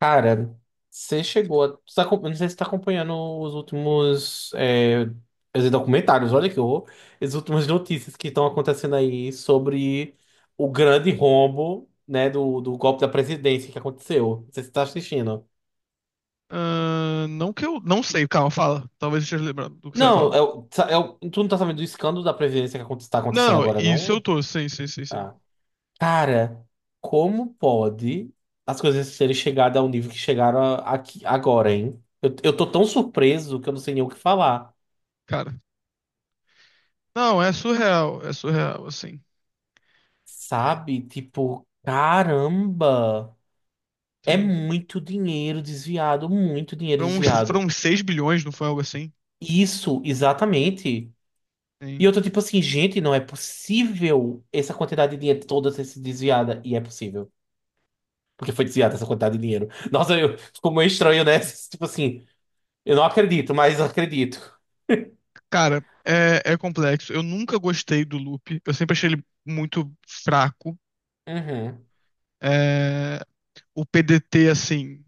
Cara, você chegou a. Eu não sei se você tá acompanhando os últimos os documentários, olha que horror. As últimas notícias que estão acontecendo aí sobre o grande rombo, né, do golpe da presidência que aconteceu. Não sei se você tá assistindo. Ah, não que eu. Não sei, calma, fala. Talvez eu esteja lembrando do que você vai Não, falar. Tu não tá sabendo do escândalo da presidência que está acontecendo Não, agora, isso eu não? tô, sim, sim, sim, sim. Ah. Cara, como pode as coisas terem chegado ao nível que chegaram aqui agora, hein? Eu tô tão surpreso que eu não sei nem o que falar. Cara. Não, é surreal, assim. Sabe? Tipo, caramba! É Sim. muito dinheiro desviado, muito dinheiro Foram uns, foram desviado. uns 6 bilhões, não foi algo assim? Isso, exatamente. Sim. E eu tô tipo assim, gente, não é possível essa quantidade de dinheiro toda ter sido desviada. E é possível, porque foi desviada essa quantidade de dinheiro. Nossa, eu ficou meio estranho, né? Tipo assim, eu não acredito, mas eu acredito. Cara, é complexo. Eu nunca gostei do loop. Eu sempre achei ele muito fraco. Uhum. É, o PDT, assim.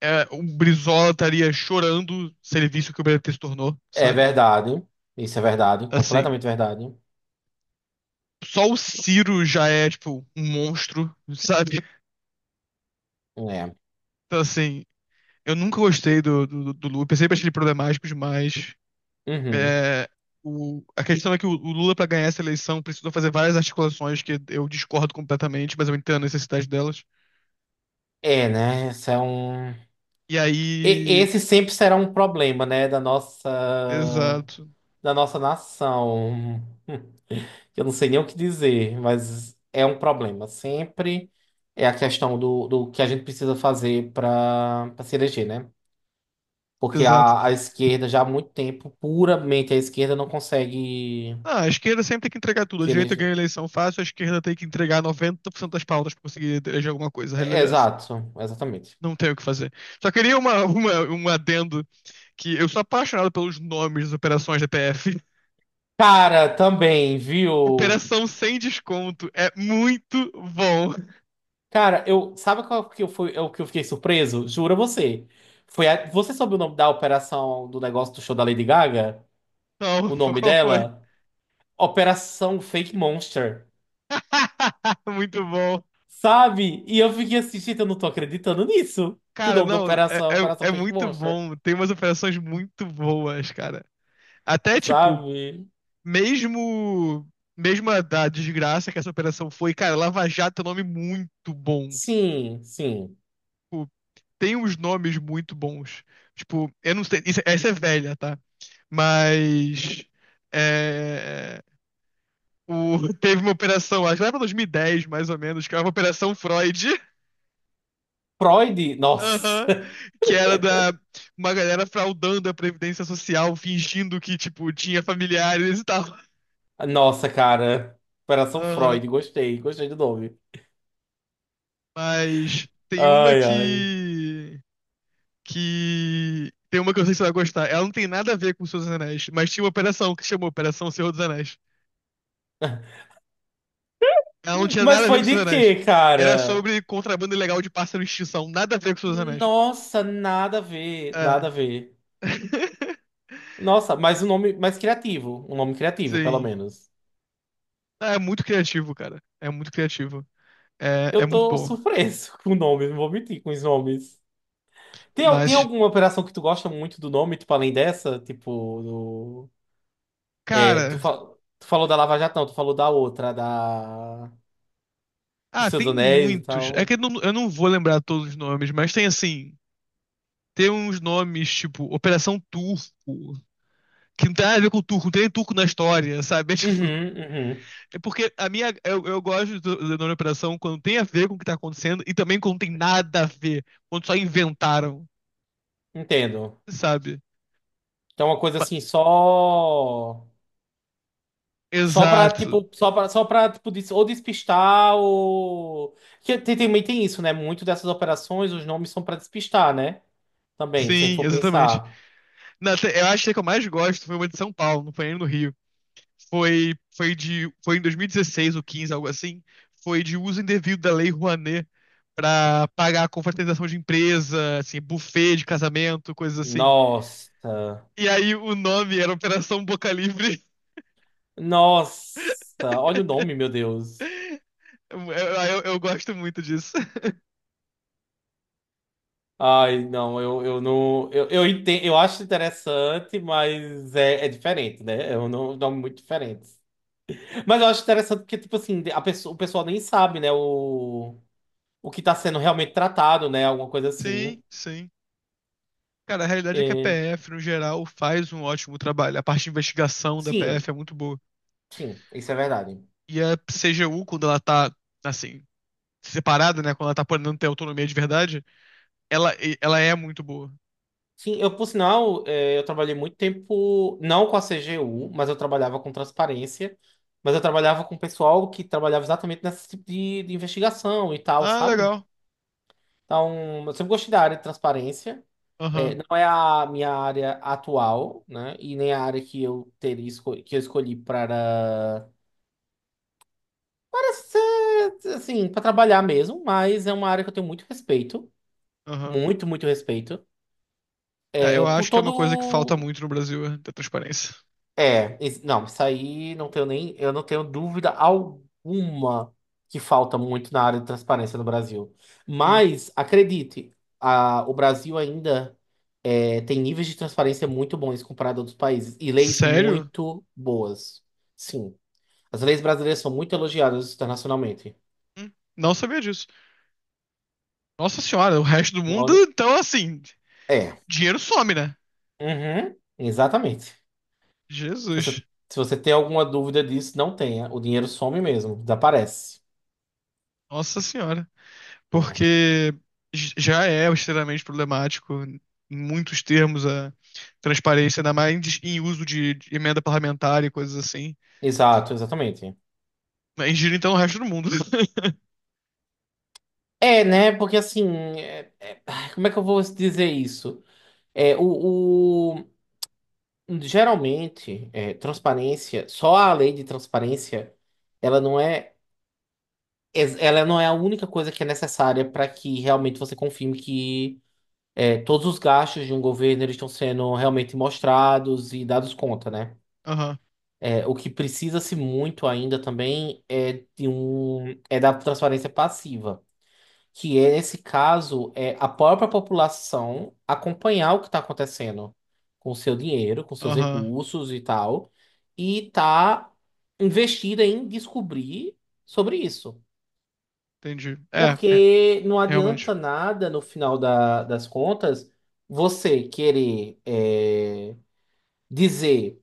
É, o Brizola estaria chorando se ele visse o que o PDT se tornou, É sabe? verdade. Isso é verdade, Assim. completamente verdade. Só o Ciro já é, tipo, um monstro, sabe? É. Então, assim, eu nunca gostei do Lula. Eu sempre achei ele problemático demais. Uhum. É, a questão é que o Lula, para ganhar essa eleição, precisou fazer várias articulações que eu discordo completamente, mas eu entendo a necessidade delas. É, né? Isso é um. E aí. Esse sempre será um problema, né, Exato, da nossa nação. Eu não sei nem o que dizer, mas é um problema. Sempre é a questão do que a gente precisa fazer para se eleger, né? Porque exato. A esquerda já há muito tempo, puramente a esquerda, não consegue Ah, a esquerda sempre tem que entregar tudo. A se direita ganha a eleger. eleição fácil, a esquerda tem que entregar 90% das pautas para conseguir eleger alguma coisa. A É, realidade é essa. exato, exatamente. Não tem o que fazer. Só queria um adendo que eu sou apaixonado pelos nomes das operações da PF. Cara, também, viu? Operação sem desconto é muito bom. Cara, eu sabe qual que eu fui, é o que eu fiquei surpreso? Jura você. Foi você soube o nome da operação do negócio do show da Lady Gaga? Não, O nome qual foi? dela? Operação Fake Monster. Muito bom. Sabe? E eu fiquei assim, gente, eu não tô acreditando nisso. Que o Cara, nome da não, é, operação é é, Operação é Fake muito Monster. bom. Tem umas operações muito boas, cara. Até, tipo, Sabe? mesmo, mesmo a da desgraça que essa operação foi, cara, Lava Jato é um nome muito bom. Sim, sim. Tipo, tem uns nomes muito bons. Tipo, eu não sei, essa é velha, tá? Mas. é, teve uma operação, acho que lá pra 2010, mais ou menos, que era uma Operação Freud, Freud? Nossa. aham, que era da uma galera fraudando a Previdência Social, fingindo que, tipo, tinha familiares e tal. Nossa, cara. Operação Aham. Freud. Gostei, gostei do nome. Mas tem uma Ai, ai. que. Que. Tem uma que eu sei que você vai gostar. Ela não tem nada a ver com o Senhor dos Anéis, mas tinha uma operação que chamou Operação Senhor dos Anéis. Ela não tinha Mas nada a ver com foi o de Senhor dos Anéis. quê, Era cara? sobre contrabando ilegal de pássaro em extinção. Nada a ver com o Senhor dos Anéis. Nossa, nada a ver, nada É. a ver. Nossa, mas o nome mais criativo, um nome criativo, pelo Sim. menos. É muito criativo, cara. É muito criativo. É Eu muito tô bom. surpreso com o nome, não vou mentir com os nomes. Tem, tem Mas, alguma operação que tu gosta muito do nome, tipo, além dessa? Tipo, é, tu, cara. fa- tu falou da Lava Jato, não, tu falou da outra, dos Ah, Seus tem Anéis e muitos. É que tal. eu não vou lembrar todos os nomes, mas tem assim. Tem uns nomes tipo Operação Turco, que não tem nada a ver com turco, não tem nem turco na história, sabe? É, tipo, Uhum, uhum, é porque a minha. Eu gosto do nome Operação quando tem a ver com o que tá acontecendo e também quando tem nada a ver, quando só inventaram, entendo. sabe? Então é uma coisa Pa- assim, só. Exato. Só pra, tipo, ou despistar ou... Que tem, também tem isso, né? Muito dessas operações, os nomes são pra despistar, né? Também, se a gente Sim, for exatamente. pensar. Eu acho que a que eu mais gosto foi uma de São Paulo, não foi nem no Rio. Foi em 2016 ou 15, algo assim. Foi de uso indevido da Lei Rouanet pra pagar a confraternização de empresa, assim, buffet de casamento, coisas assim. Nossa. E aí o nome era Operação Boca Livre. Nossa. Olha o nome, meu Deus. Eu gosto muito disso. Ai, não, eu não... Eu entendo, eu acho interessante, mas é, é diferente, né? É um nome muito diferente. Mas eu acho interessante porque, tipo assim, a pessoa, o pessoal nem sabe, né? O que tá sendo realmente tratado, né? Alguma coisa assim. Sim, sim. Cara, a realidade é que a É. PF, no geral, faz um ótimo trabalho. A parte de investigação da Sim, PF é muito boa. sim, isso é verdade. E a CGU, quando ela tá, assim, separada, né? Quando ela tá podendo ter autonomia de verdade, ela, ela é muito boa. Sim, por sinal, eu trabalhei muito tempo, não com a CGU, mas eu trabalhava com transparência, mas eu trabalhava com pessoal que trabalhava exatamente nesse tipo de investigação e tal, Ah, sabe? legal. Então, eu sempre gostei da área de transparência. Aham, Não é a minha área atual, né? E nem a área que eu teria que eu escolhi para, para ser, assim, para trabalhar mesmo, mas é uma área que eu tenho muito respeito, aham. muito, muito respeito. É, É, eu por acho que é uma coisa que falta todo. muito no Brasil, é ter transparência. É, não, isso aí não tenho nem, eu não tenho dúvida alguma que falta muito na área de transparência no Brasil. Sim. Mas, acredite, o Brasil ainda é, tem níveis de transparência muito bons comparado a outros países e leis Sério? muito boas. Sim, as leis brasileiras são muito elogiadas internacionalmente. Hum, Não sabia disso. Nossa senhora, o resto do mundo, Olha- então assim, É, dinheiro some, né? uhum, exatamente. Se você, Jesus. se você tem alguma dúvida disso, não tenha. O dinheiro some mesmo, desaparece. Nossa senhora. Não é? Porque já é extremamente problemático, em muitos termos, a transparência, ainda mais em uso de emenda parlamentar e coisas assim. Exato, exatamente. Mas gira então o resto do mundo. É, né? Porque assim, ai, como é que eu vou dizer isso? É, o- geralmente, é, transparência, só a lei de transparência, ela não é, ela não é a única coisa que é necessária para que realmente você confirme que é, todos os gastos de um governo eles estão sendo realmente mostrados e dados conta, né? Aham, É, o que precisa-se muito ainda também é de um, é da transparência passiva. Que é, nesse caso, é a própria população acompanhar o que está acontecendo com o seu dinheiro, com seus aham, recursos e tal, e tá investida em descobrir sobre isso. entendi. É, Porque não realmente. adianta nada, no final das contas, você querer é, dizer,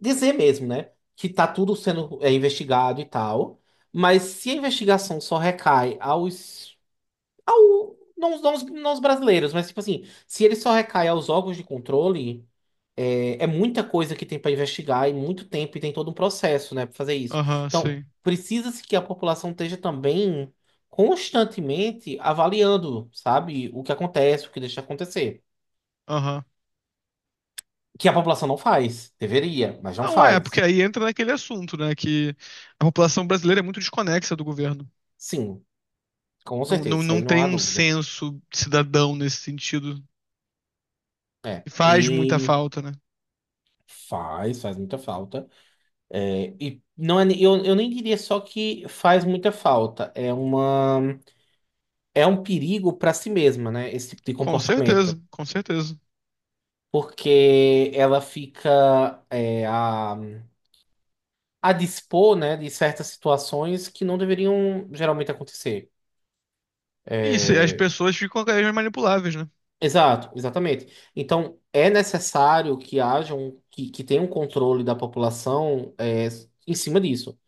dizer mesmo, né, que tá tudo sendo é, investigado e tal, mas se a investigação só recai aos Ao, não, não, não os brasileiros, mas tipo assim, se ele só recai aos órgãos de controle, é, é muita coisa que tem para investigar e muito tempo e tem todo um processo, né, para fazer isso. Aham, Então, sim. precisa-se que a população esteja também constantemente avaliando, sabe, o que acontece, o que deixa de acontecer. Aham. Que a população não faz, deveria, mas não Não é, porque faz. aí entra naquele assunto, né? Que a população brasileira é muito desconexa do governo. Sim, com Não, certeza, não, isso não aí não tem há um dúvida. senso cidadão nesse sentido. É, E faz muita e falta, né? faz, faz muita falta. É, e não é, eu nem diria só que faz muita falta, é uma, é um perigo para si mesma, né? Esse tipo de Com comportamento, certeza, com certeza. porque ela fica é, a dispor, né, de certas situações que não deveriam geralmente acontecer. E as pessoas ficam cada vez mais manipuláveis, né? Exato, exatamente. Então é necessário que haja um, que tenha um controle da população é, em cima disso.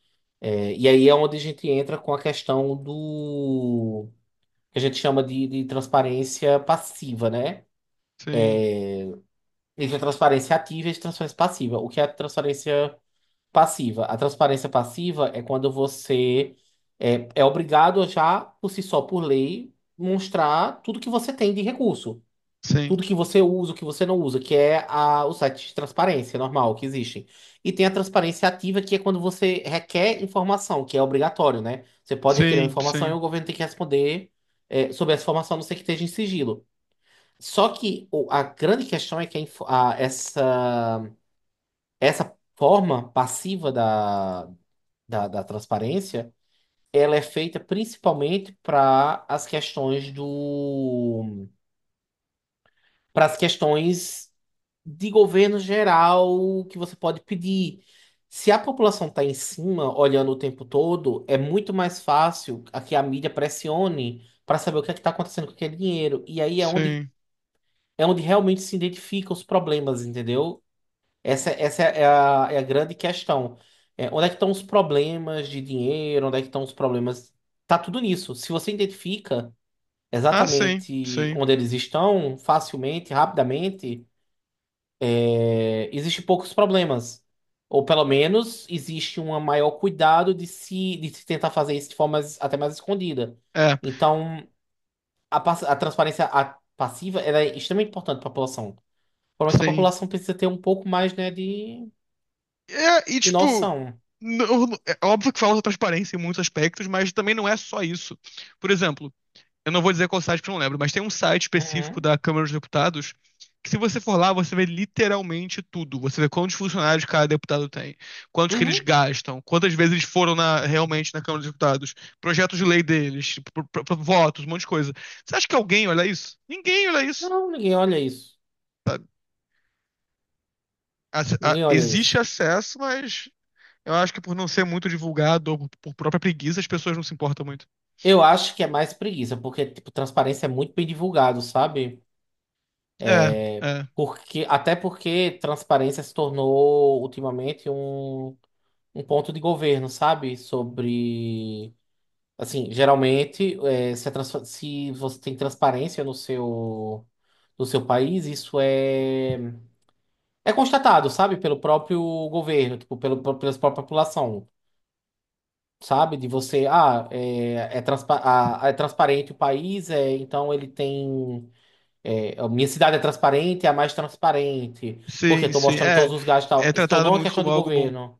É, e aí é onde a gente entra com a questão do que a gente chama de transparência passiva, né? Sim, Existe a transparência ativa e a transparência passiva. O que é a transparência passiva? A transparência passiva é quando você é, é obrigado já, por si só, por lei, mostrar tudo que você tem de recurso. sim, Tudo que você usa, o que você não usa, que é a, o site de transparência normal que existem. E tem a transparência ativa, que é quando você requer informação, que é obrigatório, né? Você pode requerer uma sim, informação e sim, o governo tem que responder, é, sobre essa informação, a não ser que esteja em sigilo. Só que a grande questão é que essa, essa forma passiva da transparência, ela é feita principalmente para as questões do, para as questões de governo geral que você pode pedir. Se a população está em cima, olhando o tempo todo, é muito mais fácil a que a mídia pressione para saber o que é que está acontecendo com aquele dinheiro. E aí sim. é onde realmente se identificam os problemas, entendeu? Essa é é a grande questão. É, onde é que estão os problemas de dinheiro? Onde é que estão os problemas? Tá tudo nisso. Se você identifica Ah, sim, exatamente sim. onde eles estão, facilmente, rapidamente, é, existe poucos problemas. Ou pelo menos existe um maior cuidado de se tentar fazer isso de forma mais- até mais escondida. É, Então, a transparência passiva ela é extremamente importante para a população. O problema é que a sim. população precisa ter um pouco mais, né, É, e de tipo, noção. não- é óbvio que falta transparência em muitos aspectos, mas também não é só isso. Por exemplo. Eu não vou dizer qual site porque eu não lembro, mas tem um site específico Uhum. da Câmara dos Deputados que se você for lá, você vê literalmente tudo. Você vê quantos funcionários cada deputado tem, quantos que eles Uhum. gastam, quantas vezes eles foram realmente na Câmara dos Deputados, projetos de lei deles, tipo, votos, um monte de coisa. Você acha que alguém olha isso? Ninguém olha isso. Não, ninguém olha isso. Ninguém olha Existe isso. acesso, mas eu acho que por não ser muito divulgado ou por própria preguiça, as pessoas não se importam muito. Eu acho que é mais preguiça, porque, tipo, transparência é muito bem divulgado, sabe? É, É, é. porque, até porque transparência se tornou ultimamente um, um ponto de governo, sabe? Sobre. Assim, geralmente, é, se, se você tem transparência no seu, no seu país, isso é, é constatado, sabe? Pelo próprio governo, tipo, pelo, pela própria população. Sabe? De você, ah, transpa a é transparente o país, é, então ele tem. É, a minha cidade é transparente, é a mais transparente, porque Sim, estou sim. mostrando É, todos os gastos e tal. é Se tratado tornou uma muito questão como de algo bom. governo.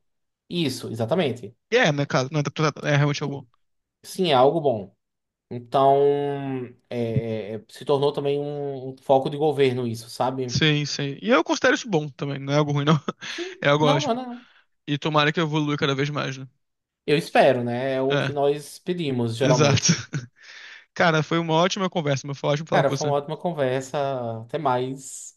Isso, exatamente. E é, né, cara? Não é, interpretado, é realmente algo bom. Sim, sim, é algo bom. Então, é, se tornou também um foco de governo, isso, sabe? Sim, sim. E eu considero isso bom também, não é algo ruim, não. Sim, É algo não, não, é ótimo. não. E tomara que eu evolua cada vez mais, né? Eu espero, né? É o que É, nós pedimos, exato. geralmente. Cara, foi uma ótima conversa, mas foi ótimo falar Cara, com foi você. uma ótima conversa. Até mais.